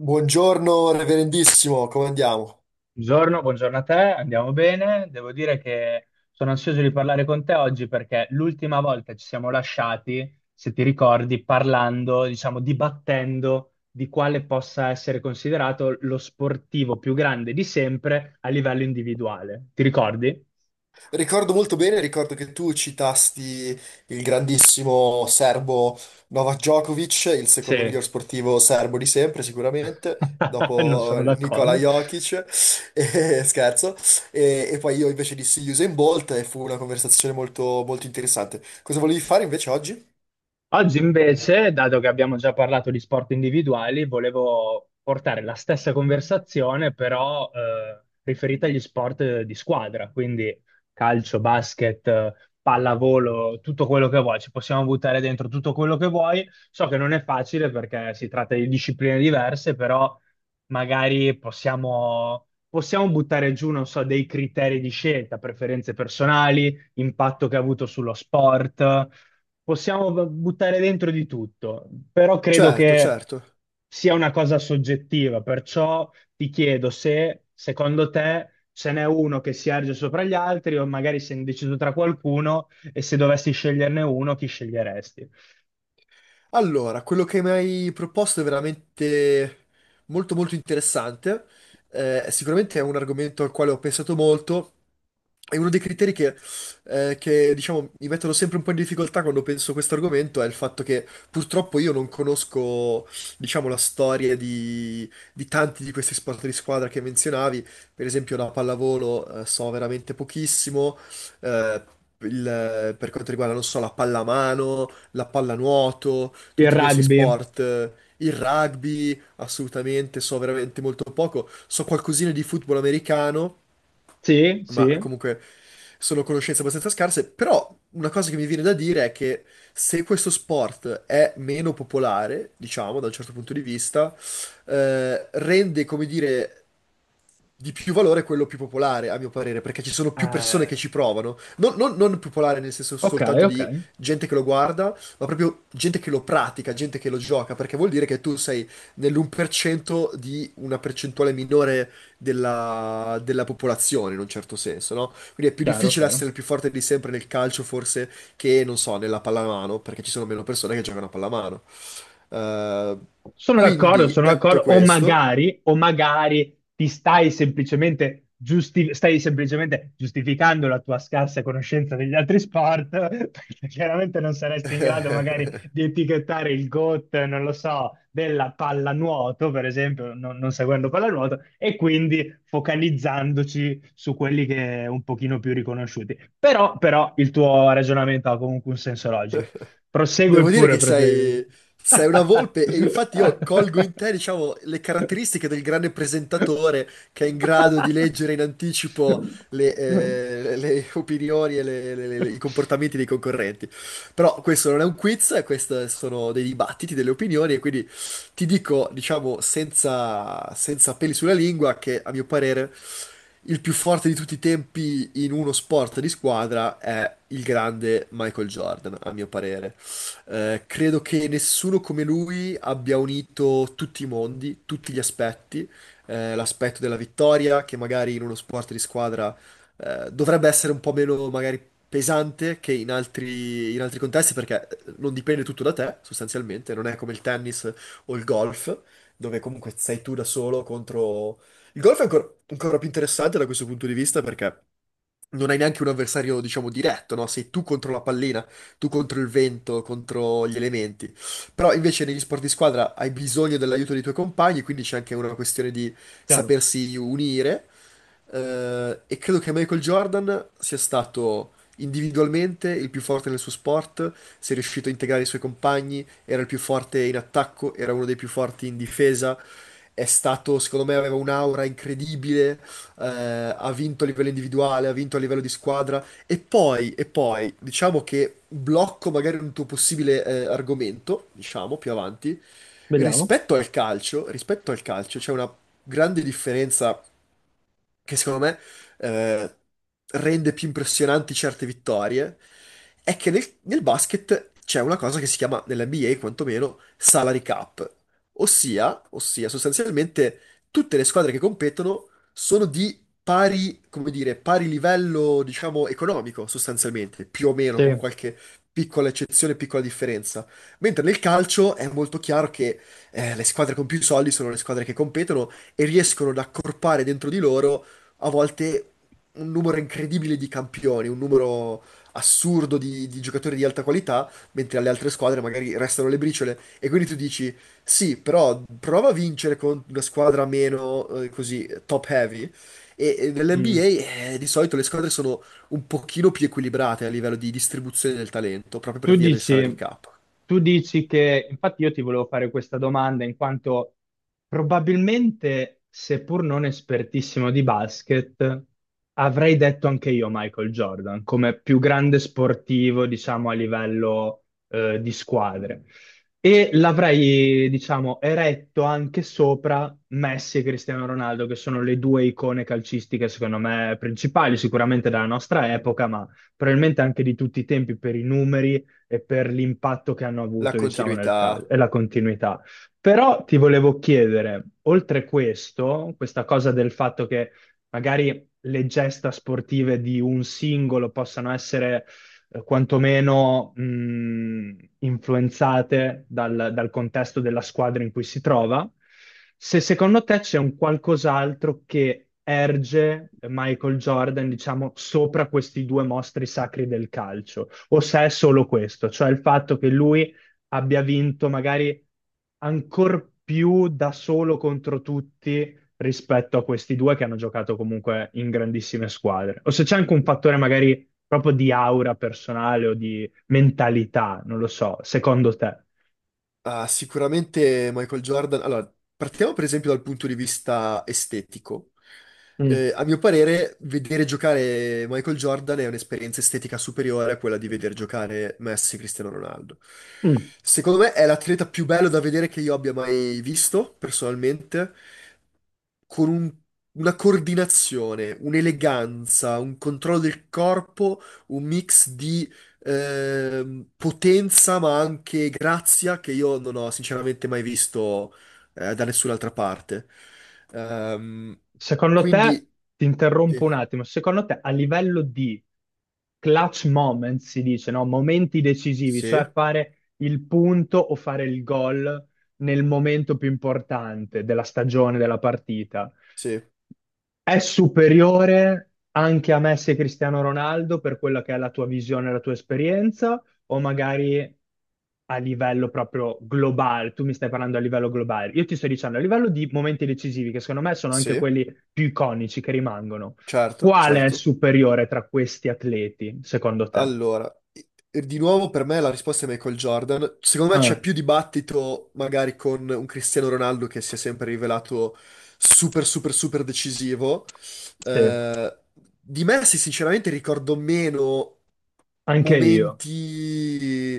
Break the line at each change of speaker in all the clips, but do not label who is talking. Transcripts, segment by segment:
Buongiorno, reverendissimo, come andiamo?
Buongiorno, buongiorno a te, andiamo bene. Devo dire che sono ansioso di parlare con te oggi perché l'ultima volta ci siamo lasciati, se ti ricordi, parlando, diciamo, dibattendo di quale possa essere considerato lo sportivo più grande di sempre a livello individuale. Ti ricordi?
Ricordo molto bene, ricordo che tu citasti il grandissimo serbo Novak Djokovic, il
Sì,
secondo miglior sportivo serbo di sempre, sicuramente,
non
dopo
sono
Nikola
d'accordo.
Jokic, e, scherzo, e, poi io invece dissi Usain Bolt e fu una conversazione molto, molto interessante. Cosa volevi fare invece oggi?
Oggi invece, dato che abbiamo già parlato di sport individuali, volevo portare la stessa conversazione, però riferita agli sport di squadra, quindi calcio, basket, pallavolo, tutto quello che vuoi, ci possiamo buttare dentro tutto quello che vuoi. So che non è facile perché si tratta di discipline diverse, però magari possiamo buttare giù, non so, dei criteri di scelta, preferenze personali impatto che ha avuto sullo sport. Possiamo buttare dentro di tutto, però credo
Certo,
che
certo.
sia una cosa soggettiva, perciò ti chiedo se secondo te ce n'è uno che si erge sopra gli altri o magari sei indeciso tra qualcuno e se dovessi sceglierne uno, chi sceglieresti?
Allora, quello che mi hai proposto è veramente molto molto interessante. Sicuramente è un argomento al quale ho pensato molto. E uno dei criteri che, diciamo, mi mettono sempre un po' in difficoltà quando penso a questo argomento è il fatto che purtroppo io non conosco, diciamo, la storia di tanti di questi sport di squadra che menzionavi. Per esempio, la pallavolo, so veramente pochissimo. Eh, per quanto riguarda, non so, la pallamano, la pallanuoto,
Il
tutti questi
rugby?
sport, il rugby, assolutamente, so veramente molto poco, so qualcosina di football americano,
Sì,
ma
sì.
comunque sono conoscenze abbastanza scarse. Però una cosa che mi viene da dire è che se questo sport è meno popolare, diciamo, da un certo punto di vista, rende, come dire, di più valore quello più popolare, a mio parere, perché ci sono più persone che
Eh,
ci provano. Non popolare nel senso
ok,
soltanto
ok,
di gente che lo guarda, ma proprio gente che lo pratica, gente che lo gioca, perché vuol dire che tu sei nell'1% di una percentuale minore della popolazione in un certo senso, no? Quindi è più
chiaro,
difficile
chiaro.
essere il più forte di sempre nel calcio forse che, non so, nella pallamano, perché ci sono meno persone che giocano a pallamano. Eh, quindi,
Sono
detto
d'accordo,
questo...
o magari ti stai semplicemente, stai semplicemente giustificando la tua scarsa conoscenza degli altri sport, perché chiaramente non saresti in grado magari di etichettare il GOAT, non lo so, della pallanuoto, per esempio, non, non seguendo pallanuoto, e quindi focalizzandoci su quelli che un pochino più riconosciuti. Però, però il tuo ragionamento ha comunque un senso logico. Prosegue
Devo dire
pure,
che
prosegue.
sei una volpe e infatti io colgo in te, diciamo, le caratteristiche del grande presentatore che è in grado di leggere in anticipo le opinioni e i comportamenti dei concorrenti. Però questo non è un quiz, questi sono dei dibattiti, delle opinioni, e quindi ti dico, diciamo, senza peli sulla lingua, che a mio parere il più forte di tutti i tempi in uno sport di squadra è il grande Michael Jordan, a mio parere. Credo che nessuno come lui abbia unito tutti i mondi, tutti gli aspetti, l'aspetto della vittoria, che magari in uno sport di squadra dovrebbe essere un po' meno magari pesante che in altri contesti, perché non dipende tutto da te, sostanzialmente, non è come il tennis o il golf, dove comunque sei tu da solo contro... Il golf è ancora, ancora più interessante da questo punto di vista perché non hai neanche un avversario, diciamo, diretto, no? Sei tu contro la pallina, tu contro il vento, contro gli elementi. Però invece negli sport di squadra hai bisogno dell'aiuto dei tuoi compagni, quindi c'è anche una questione di
Chiaro.
sapersi unire. E credo che Michael Jordan sia stato individualmente il più forte nel suo sport, si è riuscito a integrare i suoi compagni, era il più forte in attacco, era uno dei più forti in difesa. È stato, secondo me, aveva un'aura incredibile. eh, Ha vinto a livello individuale, ha vinto a livello di squadra, e poi, diciamo che blocco magari un tuo possibile argomento, diciamo più avanti,
Vediamo.
rispetto al calcio. Rispetto al calcio c'è una grande differenza che secondo me eh, rende più impressionanti certe vittorie, è che nel basket c'è una cosa che si chiama, nell'NBA quantomeno, salary cap, ossia sostanzialmente tutte le squadre che competono sono di pari, come dire, pari livello, diciamo, economico sostanzialmente, più o meno,
Sì.
con qualche piccola eccezione, piccola differenza. Mentre nel calcio è molto chiaro che le squadre con più soldi sono le squadre che competono e riescono ad accorpare dentro di loro a volte un numero incredibile di campioni, un numero assurdo di giocatori di alta qualità, mentre alle altre squadre magari restano le briciole. E quindi tu dici: sì, però prova a vincere con una squadra meno così top heavy. E
Mm.
nell'NBA di solito le squadre sono un pochino più equilibrate a livello di distribuzione del talento, proprio per
Tu
via del salary
dici,
cap.
tu dici che, infatti io ti volevo fare questa domanda in quanto probabilmente, seppur non espertissimo di basket, avrei detto anche io Michael Jordan come più grande sportivo, diciamo, a livello di squadre. E l'avrei, diciamo, eretto anche sopra Messi e Cristiano Ronaldo, che sono le due icone calcistiche, secondo me, principali, sicuramente della nostra epoca, ma probabilmente anche di tutti i tempi per i numeri e per l'impatto che hanno
La
avuto, diciamo, nel calcio
continuità.
e la continuità. Però ti volevo chiedere, oltre questo, questa cosa del fatto che magari le gesta sportive di un singolo possano essere quantomeno influenzate dal contesto della squadra in cui si trova, se secondo te c'è un qualcos'altro che erge Michael Jordan, diciamo, sopra questi due mostri sacri del calcio o se è solo questo, cioè il fatto che lui abbia vinto magari ancor più da solo contro tutti rispetto a questi due che hanno giocato comunque in grandissime squadre, o se c'è anche un fattore magari proprio di aura personale o di mentalità, non lo so, secondo te?
Ah, sicuramente Michael Jordan. Allora, partiamo per esempio dal punto di vista estetico.
Mm.
A mio parere, vedere giocare Michael Jordan è un'esperienza estetica superiore a quella di vedere giocare Messi e Cristiano Ronaldo.
Mm.
Secondo me è l'atleta più bello da vedere che io abbia mai visto, personalmente, con un- una coordinazione, un'eleganza, un controllo del corpo, un mix di potenza, ma anche grazia, che io non ho sinceramente mai visto da nessun'altra parte. Ehm,
Secondo te,
quindi
ti interrompo
sì,
un attimo, secondo te a livello di clutch moment si dice, no? Momenti decisivi,
sì,
cioè fare il punto o fare il gol nel momento più importante della stagione, della partita.
sì,
È superiore anche a Messi e Cristiano Ronaldo per quella che è la tua visione, la tua esperienza, o magari a livello proprio globale? Tu mi stai parlando a livello globale. Io ti sto dicendo a livello di momenti decisivi, che secondo me sono anche
sì,
quelli più iconici che rimangono.
certo,
Quale è
certo.
superiore tra questi atleti, secondo te?
Allora, e di nuovo per me la risposta è Michael Jordan. Secondo me c'è
Ah,
più dibattito magari con un Cristiano Ronaldo che si è sempre rivelato super, super, super decisivo.
sì,
Eh, di Messi sinceramente ricordo meno
anche io.
momenti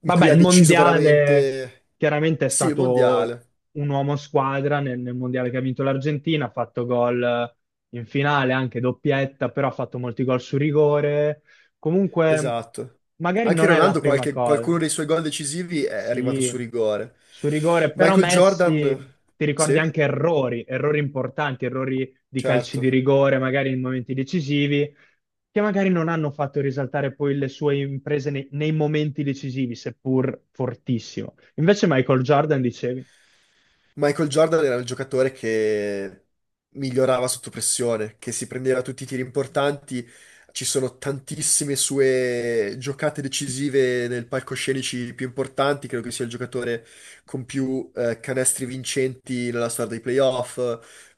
in
Vabbè,
cui ha
il
deciso
mondiale
veramente...
chiaramente è
Sì, il
stato
mondiale,
un uomo squadra nel mondiale che ha vinto l'Argentina, ha fatto gol in finale, anche doppietta, però ha fatto molti gol su rigore. Comunque,
esatto.
magari
Anche
non è la
Ronaldo,
prima cosa.
qualcuno dei suoi gol decisivi è arrivato
Sì,
su rigore.
su rigore, però
Michael Jordan,
Messi ti ricordi
sì.
anche errori, errori importanti, errori di calci
Certo.
di rigore, magari in momenti decisivi, che magari non hanno fatto risaltare poi le sue imprese nei momenti decisivi, seppur fortissimo. Invece Michael Jordan, dicevi?
Michael Jordan era il giocatore che migliorava sotto pressione, che si prendeva tutti i tiri importanti. Ci sono tantissime sue giocate decisive nel palcoscenici più importanti. Credo che sia il giocatore con più canestri vincenti nella storia dei playoff,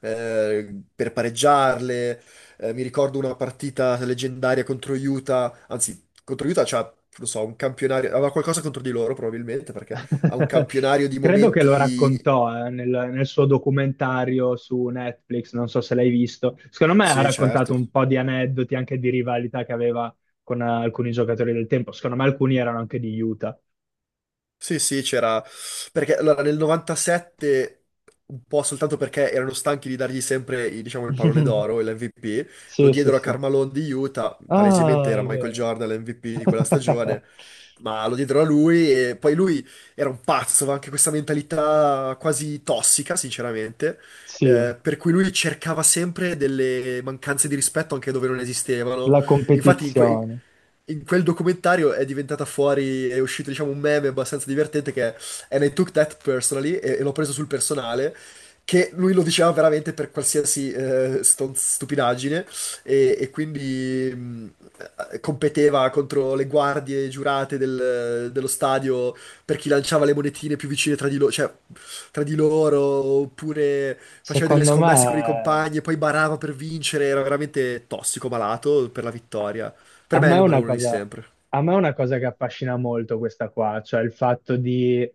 per pareggiarle. Mi ricordo una partita leggendaria contro Utah, anzi, contro Utah c'ha, non so, un campionario, aveva qualcosa contro di loro probabilmente perché ha un campionario di
Credo che lo
momenti.
raccontò nel suo documentario su Netflix, non so se l'hai visto. Secondo me ha
Sì,
raccontato
certo.
un po' di aneddoti anche di rivalità che aveva con alcuni giocatori del tempo. Secondo me alcuni erano anche di Utah.
Sì, sì, c'era... Perché allora nel 97, un po' soltanto perché erano stanchi di dargli sempre, i- diciamo, il pallone d'oro, l'MVP, lo
Sì, sì,
diedero a
sì.
Carmelo di Utah, palesemente
Ah,
era
è
Michael
vero.
Jordan l'MVP di quella stagione, ma lo diedero a lui e poi lui era un pazzo, aveva anche questa mentalità quasi tossica, sinceramente,
Sì,
per cui lui cercava sempre delle mancanze di rispetto anche dove non esistevano.
la
Infatti,
competizione.
in quel documentario è diventata fuori, è uscito diciamo un meme abbastanza divertente che è "And I took that personally", e l'ho preso sul personale, che lui lo diceva veramente per qualsiasi stupidaggine, e quindi competeva contro le guardie giurate dello stadio per chi lanciava le monetine più vicine cioè, tra di loro, oppure faceva delle
Secondo
scommesse con i
me.
compagni e poi barava per vincere, era veramente tossico, malato per la vittoria. Per
A
me è
me
il
è
numero
una
uno di
cosa,
sempre.
a me è una cosa che affascina molto questa qua, cioè il fatto di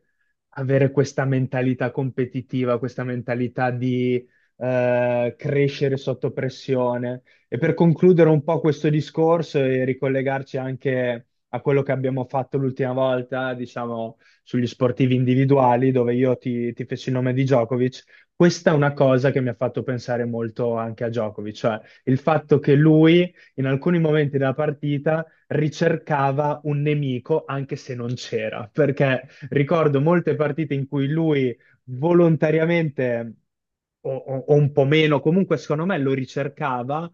avere questa mentalità competitiva, questa mentalità di crescere sotto pressione. E per concludere un po' questo discorso e ricollegarci anche a quello che abbiamo fatto l'ultima volta, diciamo, sugli sportivi individuali, dove io ti feci il nome di Djokovic, questa è una cosa che mi ha fatto pensare molto anche a Djokovic, cioè il fatto che lui in alcuni momenti della partita ricercava un nemico anche se non c'era, perché ricordo molte partite in cui lui volontariamente o, o un po' meno, comunque secondo me lo ricercava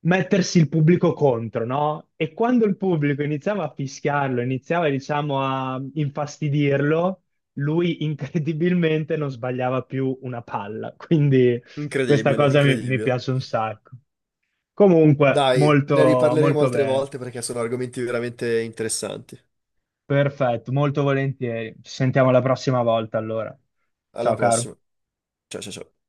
mettersi il pubblico contro, no? E quando il pubblico iniziava a fischiarlo, iniziava, diciamo, a infastidirlo, lui incredibilmente non sbagliava più una palla. Quindi questa
Incredibile,
cosa mi
incredibile.
piace un sacco. Comunque,
Dai, ne
molto,
riparleremo
molto
altre
bene.
volte perché sono argomenti veramente interessanti.
Perfetto, molto volentieri. Ci sentiamo la prossima volta allora.
Alla
Ciao caro.
prossima. Ciao ciao ciao.